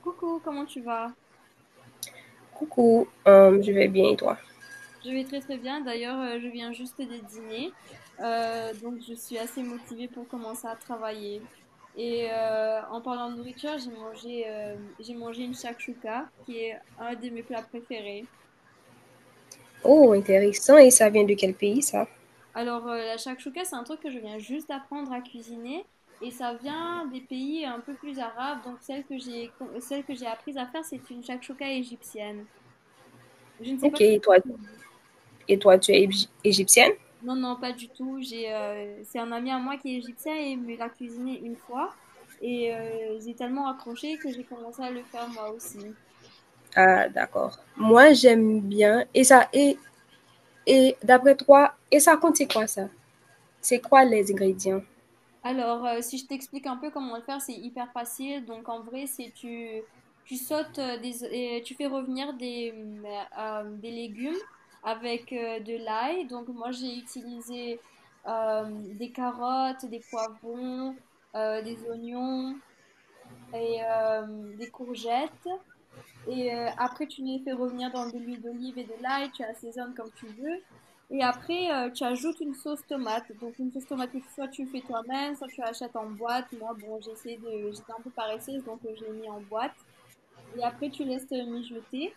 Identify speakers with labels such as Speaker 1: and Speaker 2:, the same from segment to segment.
Speaker 1: Coucou, comment tu vas?
Speaker 2: Coucou, je vais bien et toi?
Speaker 1: Je vais très très bien. D'ailleurs, je viens juste de dîner. Donc, je suis assez motivée pour commencer à travailler. Et en parlant de nourriture, j'ai mangé une shakshuka, qui est un de mes plats préférés.
Speaker 2: Oh, intéressant et ça vient de quel pays ça?
Speaker 1: Alors, la shakshuka, c'est un truc que je viens juste d'apprendre à cuisiner. Et ça vient des pays un peu plus arabes. Donc, celle que j'ai apprise à faire, c'est une shakshuka égyptienne. Je ne sais pas
Speaker 2: OK.
Speaker 1: si
Speaker 2: Et toi, et toi tu es égip égyptienne?
Speaker 1: Non, non, pas du tout. C'est un ami à moi qui est égyptien et il me l'a cuisiné une fois. Et j'ai tellement accroché que j'ai commencé à le faire moi aussi.
Speaker 2: Ah, d'accord. Moi j'aime bien et ça et d'après toi et ça contient quoi ça? C'est quoi les ingrédients?
Speaker 1: Alors, si je t'explique un peu comment le faire, c'est hyper facile. Donc, en vrai, tu sautes et tu fais revenir des des légumes avec de l'ail. Donc, moi, j'ai utilisé euh, des carottes, des poivrons, des oignons et des courgettes. Et après, tu les fais revenir dans de l'huile d'olive et de l'ail, tu assaisonnes comme tu veux. Et après, tu ajoutes une sauce tomate. Donc, une sauce tomate que soit tu fais toi-même, soit tu achètes en boîte. Moi, bon, j'essaie de... J'étais un peu paresseuse, donc je l'ai mis en boîte. Et après, tu laisses mijoter.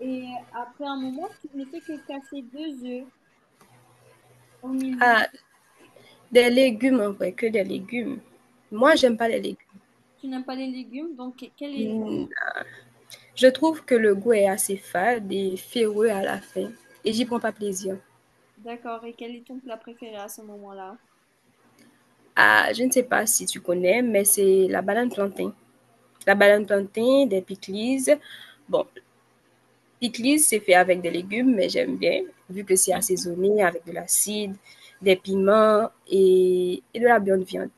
Speaker 1: Et après un moment, tu ne fais que casser deux œufs au milieu.
Speaker 2: Ah, des légumes en vrai, que des légumes. Moi
Speaker 1: Oui,
Speaker 2: j'aime pas les légumes.
Speaker 1: tu n'aimes pas les légumes, donc quel est...
Speaker 2: Mmh, je trouve que le goût est assez fade et ferreux à la fin et j'y prends pas plaisir.
Speaker 1: D'accord, et quel est ton plat préféré à ce moment-là?
Speaker 2: Ah, je ne sais pas si tu connais, mais c'est la banane plantain. La banane plantain, des pickles. Bon, pickles, c'est fait avec des légumes, mais j'aime bien, vu que c'est assaisonné avec de l'acide, des piments et de la bonne viande.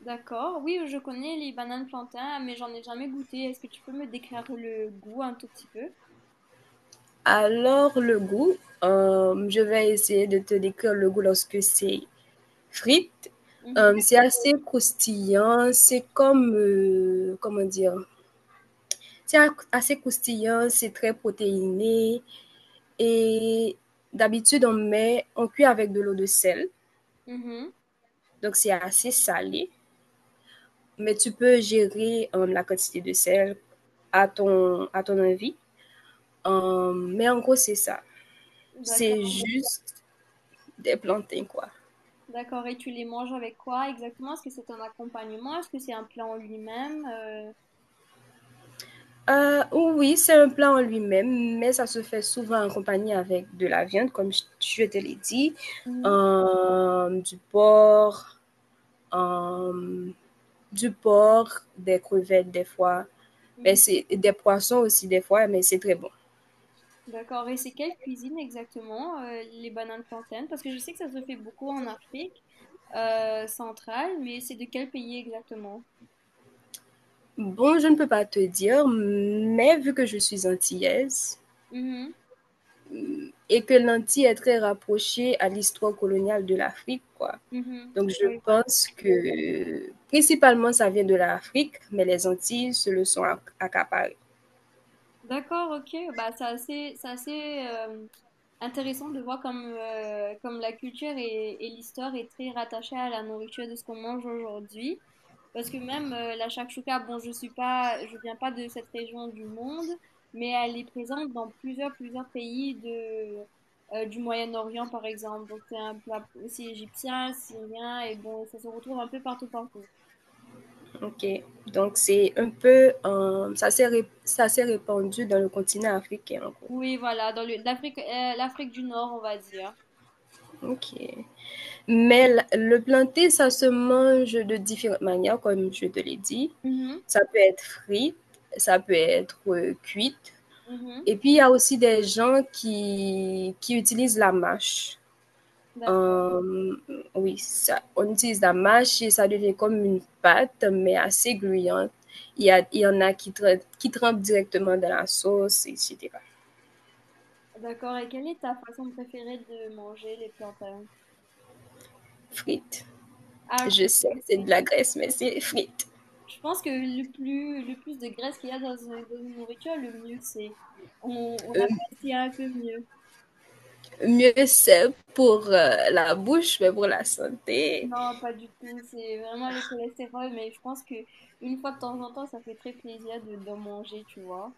Speaker 1: D'accord. Oui, je connais les bananes plantains, mais j'en ai jamais goûté. Est-ce que tu peux me décrire le goût un tout petit peu?
Speaker 2: Alors, le goût, je vais essayer de te décrire le goût lorsque c'est frites.
Speaker 1: Mhm.
Speaker 2: C'est assez croustillant, c'est comme, comment dire, c'est assez croustillant, c'est très protéiné. Et d'habitude, on met, on cuit avec de l'eau de sel.
Speaker 1: Mhm.
Speaker 2: Donc, c'est assez salé, mais tu peux gérer la quantité de sel à ton envie. Mais en gros, c'est ça. C'est
Speaker 1: D'accord.
Speaker 2: juste des plantains, quoi.
Speaker 1: D'accord. Et tu les manges avec quoi exactement? Est-ce que c'est un accompagnement? Est-ce que c'est un plat en lui-même?
Speaker 2: Oui, c'est un plat en lui-même, mais ça se fait souvent en compagnie avec de la viande, comme je te l'ai dit,
Speaker 1: Mhm.
Speaker 2: euh, du porc, euh, du porc, des crevettes des fois, mais
Speaker 1: Mhm.
Speaker 2: c'est des poissons aussi des fois, mais c'est très bon.
Speaker 1: D'accord. Et c'est quelle cuisine exactement, les bananes plantaines? Parce que je sais que ça se fait beaucoup en Afrique centrale, mais c'est de quel pays exactement?
Speaker 2: Bon, je ne peux pas te dire, mais vu que je suis antillaise,
Speaker 1: Mhm.
Speaker 2: et que l'Antille est très rapprochée à l'histoire coloniale de l'Afrique, quoi.
Speaker 1: Mhm.
Speaker 2: Donc, je
Speaker 1: Oui, voilà.
Speaker 2: pense que principalement, ça vient de l'Afrique, mais les Antilles se le sont accaparées.
Speaker 1: D'accord, ok. Bah, c'est assez intéressant de voir comme, comme la culture et l'histoire est très rattachée à la nourriture de ce qu'on mange aujourd'hui. Parce que même la shakshuka, bon, je viens pas de cette région du monde, mais elle est présente dans plusieurs pays de, du Moyen-Orient, par exemple. Donc, c'est un plat aussi égyptien, syrien, et bon, ça se retrouve un peu partout, partout.
Speaker 2: OK. Donc, c'est un peu, ça ça s'est répandu dans le continent africain, en gros.
Speaker 1: Oui, voilà, dans l'Afrique, l'Afrique du Nord, on va dire.
Speaker 2: OK. Mais le planté, ça se mange de différentes manières, comme je te l'ai dit.
Speaker 1: Mhm,
Speaker 2: Ça peut être frit, ça peut être cuite. Et puis, il y a aussi des gens qui utilisent la mâche.
Speaker 1: mhm.
Speaker 2: Euh, oui, ça, on utilise la mâche et ça devient comme une pâte, mais assez gluante. Il y a, il y en a qui, qui trempent directement dans la sauce, et etc.
Speaker 1: D'accord, et quelle est ta façon préférée de manger les plantains?
Speaker 2: Frites.
Speaker 1: Ah,
Speaker 2: Je
Speaker 1: ok.
Speaker 2: sais, c'est de
Speaker 1: Ok.
Speaker 2: la graisse, mais c'est frites.
Speaker 1: Je pense que le plus de graisse qu'il y a dans dans une nourriture, le mieux c'est. On
Speaker 2: Euh,
Speaker 1: apprécie un peu mieux.
Speaker 2: Mieux c'est pour la bouche, mais pour la santé.
Speaker 1: Non, pas du tout, c'est vraiment le cholestérol, mais je pense que une fois de temps en temps, ça fait très plaisir d'en manger, tu vois.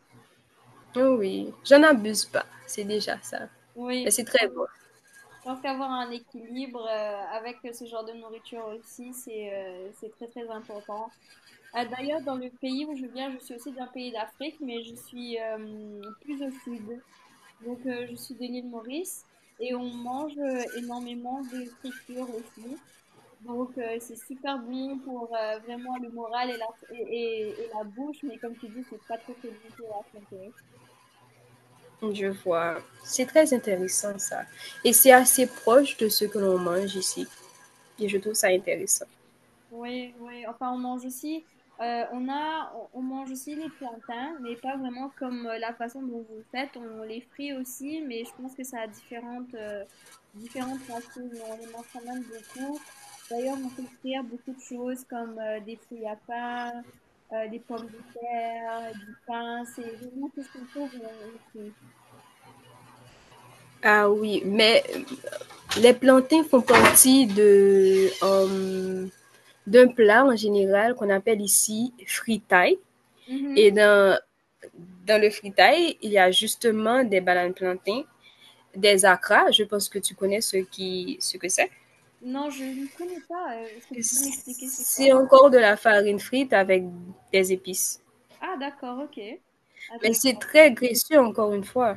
Speaker 2: Oh oui, j'en abuse pas, c'est déjà ça. Mais
Speaker 1: Oui,
Speaker 2: c'est
Speaker 1: je
Speaker 2: très
Speaker 1: pense
Speaker 2: bon.
Speaker 1: je pense qu'avoir un équilibre avec ce genre de nourriture aussi, c'est très très important. Ah, d'ailleurs, dans le pays où je viens, je suis aussi d'un pays d'Afrique, mais je suis plus au sud. Donc, je suis de l'île Maurice et on mange énormément de friture aussi. Donc, c'est super bon pour vraiment le moral et et la bouche, mais comme tu dis, c'est pas très, très bon pour la santé.
Speaker 2: Je vois. C'est très intéressant ça. Et c'est assez proche de ce que l'on mange ici. Et je trouve ça intéressant.
Speaker 1: Oui, oui. Enfin, on mange aussi, on mange aussi les plantains, mais pas vraiment comme la façon dont vous le faites. On les frit aussi, mais je pense que ça a différentes, différentes racines. On les mange quand même beaucoup. D'ailleurs, on peut frire beaucoup de choses comme des fruits à pain, des pommes de terre, du pain. C'est vraiment tout ce qu'on trouve ici.
Speaker 2: Ah oui, mais les plantains font partie de d'un plat en général qu'on appelle ici fritaille. Et
Speaker 1: Mhm.
Speaker 2: dans le fritaille, il y a justement des bananes plantains des acras. Je pense que tu connais ce, qui, ce que c'est.
Speaker 1: Non, je ne connais pas. Est-ce que tu peux m'expliquer c'est
Speaker 2: C'est
Speaker 1: quoi?
Speaker 2: encore de la farine frite avec des épices.
Speaker 1: Ah, d'accord, ok.
Speaker 2: Mais c'est
Speaker 1: Intéressant.
Speaker 2: très graisseux, encore une fois.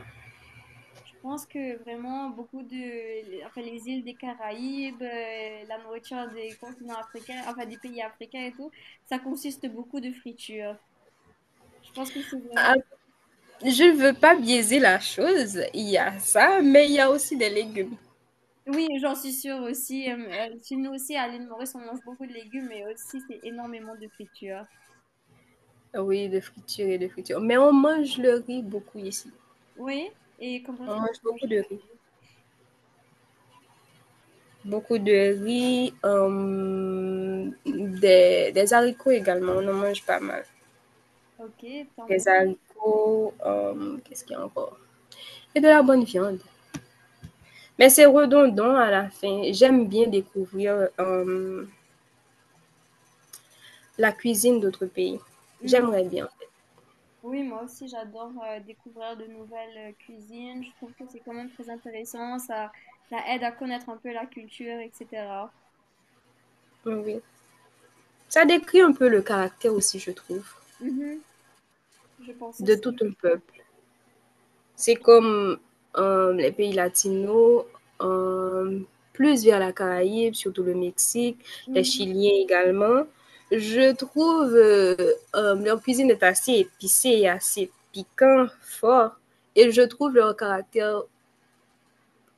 Speaker 1: Je pense que vraiment beaucoup de, enfin, les îles des Caraïbes, la nourriture des continents africains, enfin des pays africains et tout, ça consiste beaucoup de friture. Je pense que c'est vraiment.
Speaker 2: Ah, je ne veux pas biaiser la chose. Il y a ça, mais il y a aussi des légumes.
Speaker 1: Oui, j'en suis sûre aussi. Chez nous aussi, à l'île Maurice, on mange beaucoup de légumes, mais aussi c'est énormément de friture.
Speaker 2: Oui, de friture et de friture. Mais on mange le riz beaucoup ici.
Speaker 1: Oui, et comment
Speaker 2: On
Speaker 1: est-ce que vous
Speaker 2: mange beaucoup
Speaker 1: mangez
Speaker 2: de
Speaker 1: le
Speaker 2: riz.
Speaker 1: riz?
Speaker 2: Beaucoup de riz, des haricots également. On en mange pas mal.
Speaker 1: Ok, tant mieux.
Speaker 2: Des haricots, qu'est-ce qu'il y a encore? Et de la bonne viande. Mais c'est redondant à la fin. J'aime bien découvrir la cuisine d'autres pays.
Speaker 1: Mhm.
Speaker 2: J'aimerais bien.
Speaker 1: Oui, moi aussi, j'adore découvrir de nouvelles cuisines. Je trouve que c'est quand même très intéressant. Ça aide à connaître un peu la culture, etc.
Speaker 2: Oui, oui. Ça décrit un peu le caractère aussi, je trouve,
Speaker 1: Mhm, je pense
Speaker 2: de
Speaker 1: aussi.
Speaker 2: tout un peuple. C'est comme les pays latinos, euh, plus vers la Caraïbe, surtout le Mexique, les
Speaker 1: Mhm.
Speaker 2: Chiliens également. Je trouve leur cuisine est assez épicée et assez piquant, fort. Et je trouve leur caractère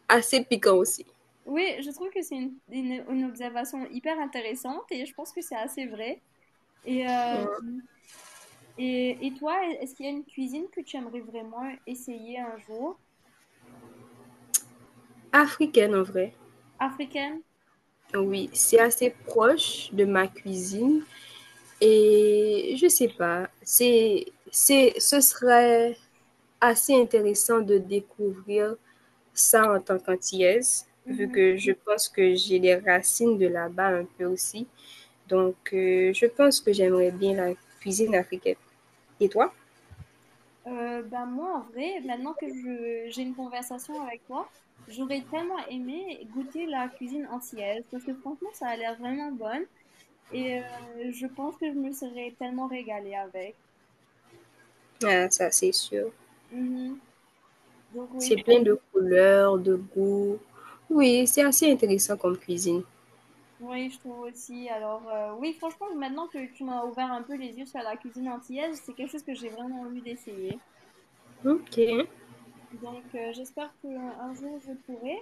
Speaker 2: assez piquant aussi.
Speaker 1: Oui, je trouve que c'est une observation hyper intéressante et je pense que c'est assez vrai. Et, euh,
Speaker 2: Euh,
Speaker 1: et toi, est-ce qu'il y a une cuisine que tu aimerais vraiment essayer un jour?
Speaker 2: Africaine en vrai.
Speaker 1: Africaine?
Speaker 2: Oui, c'est assez proche de ma cuisine et je sais pas, c'est ce serait assez intéressant de découvrir ça en tant qu'antillaise vu
Speaker 1: Mm-hmm.
Speaker 2: que je pense que j'ai les racines de là-bas un peu aussi. Donc je pense que j'aimerais bien la cuisine africaine. Et toi?
Speaker 1: Bah moi, en vrai, maintenant que j'ai une conversation avec toi, j'aurais tellement aimé goûter la cuisine antillaise parce que franchement, ça a l'air vraiment bonne et je pense que je me serais tellement régalée avec.
Speaker 2: Ah, ça c'est sûr.
Speaker 1: Mhm. Donc oui,
Speaker 2: C'est
Speaker 1: je,
Speaker 2: plein de couleurs, de goûts. Oui, c'est assez intéressant comme cuisine.
Speaker 1: oui, je trouve aussi. Alors oui, franchement, maintenant que tu m'as ouvert un peu les yeux sur la cuisine antillaise, c'est quelque chose que j'ai vraiment envie d'essayer.
Speaker 2: OK.
Speaker 1: Donc, j'espère qu'un jour je pourrai.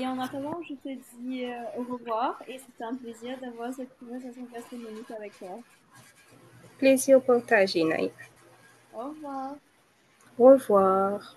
Speaker 1: Et en attendant, je te dis au revoir et c'était un plaisir d'avoir cette conversation gastronomique avec toi.
Speaker 2: Plaisir partagé, Naïf.
Speaker 1: Au revoir.
Speaker 2: Au revoir.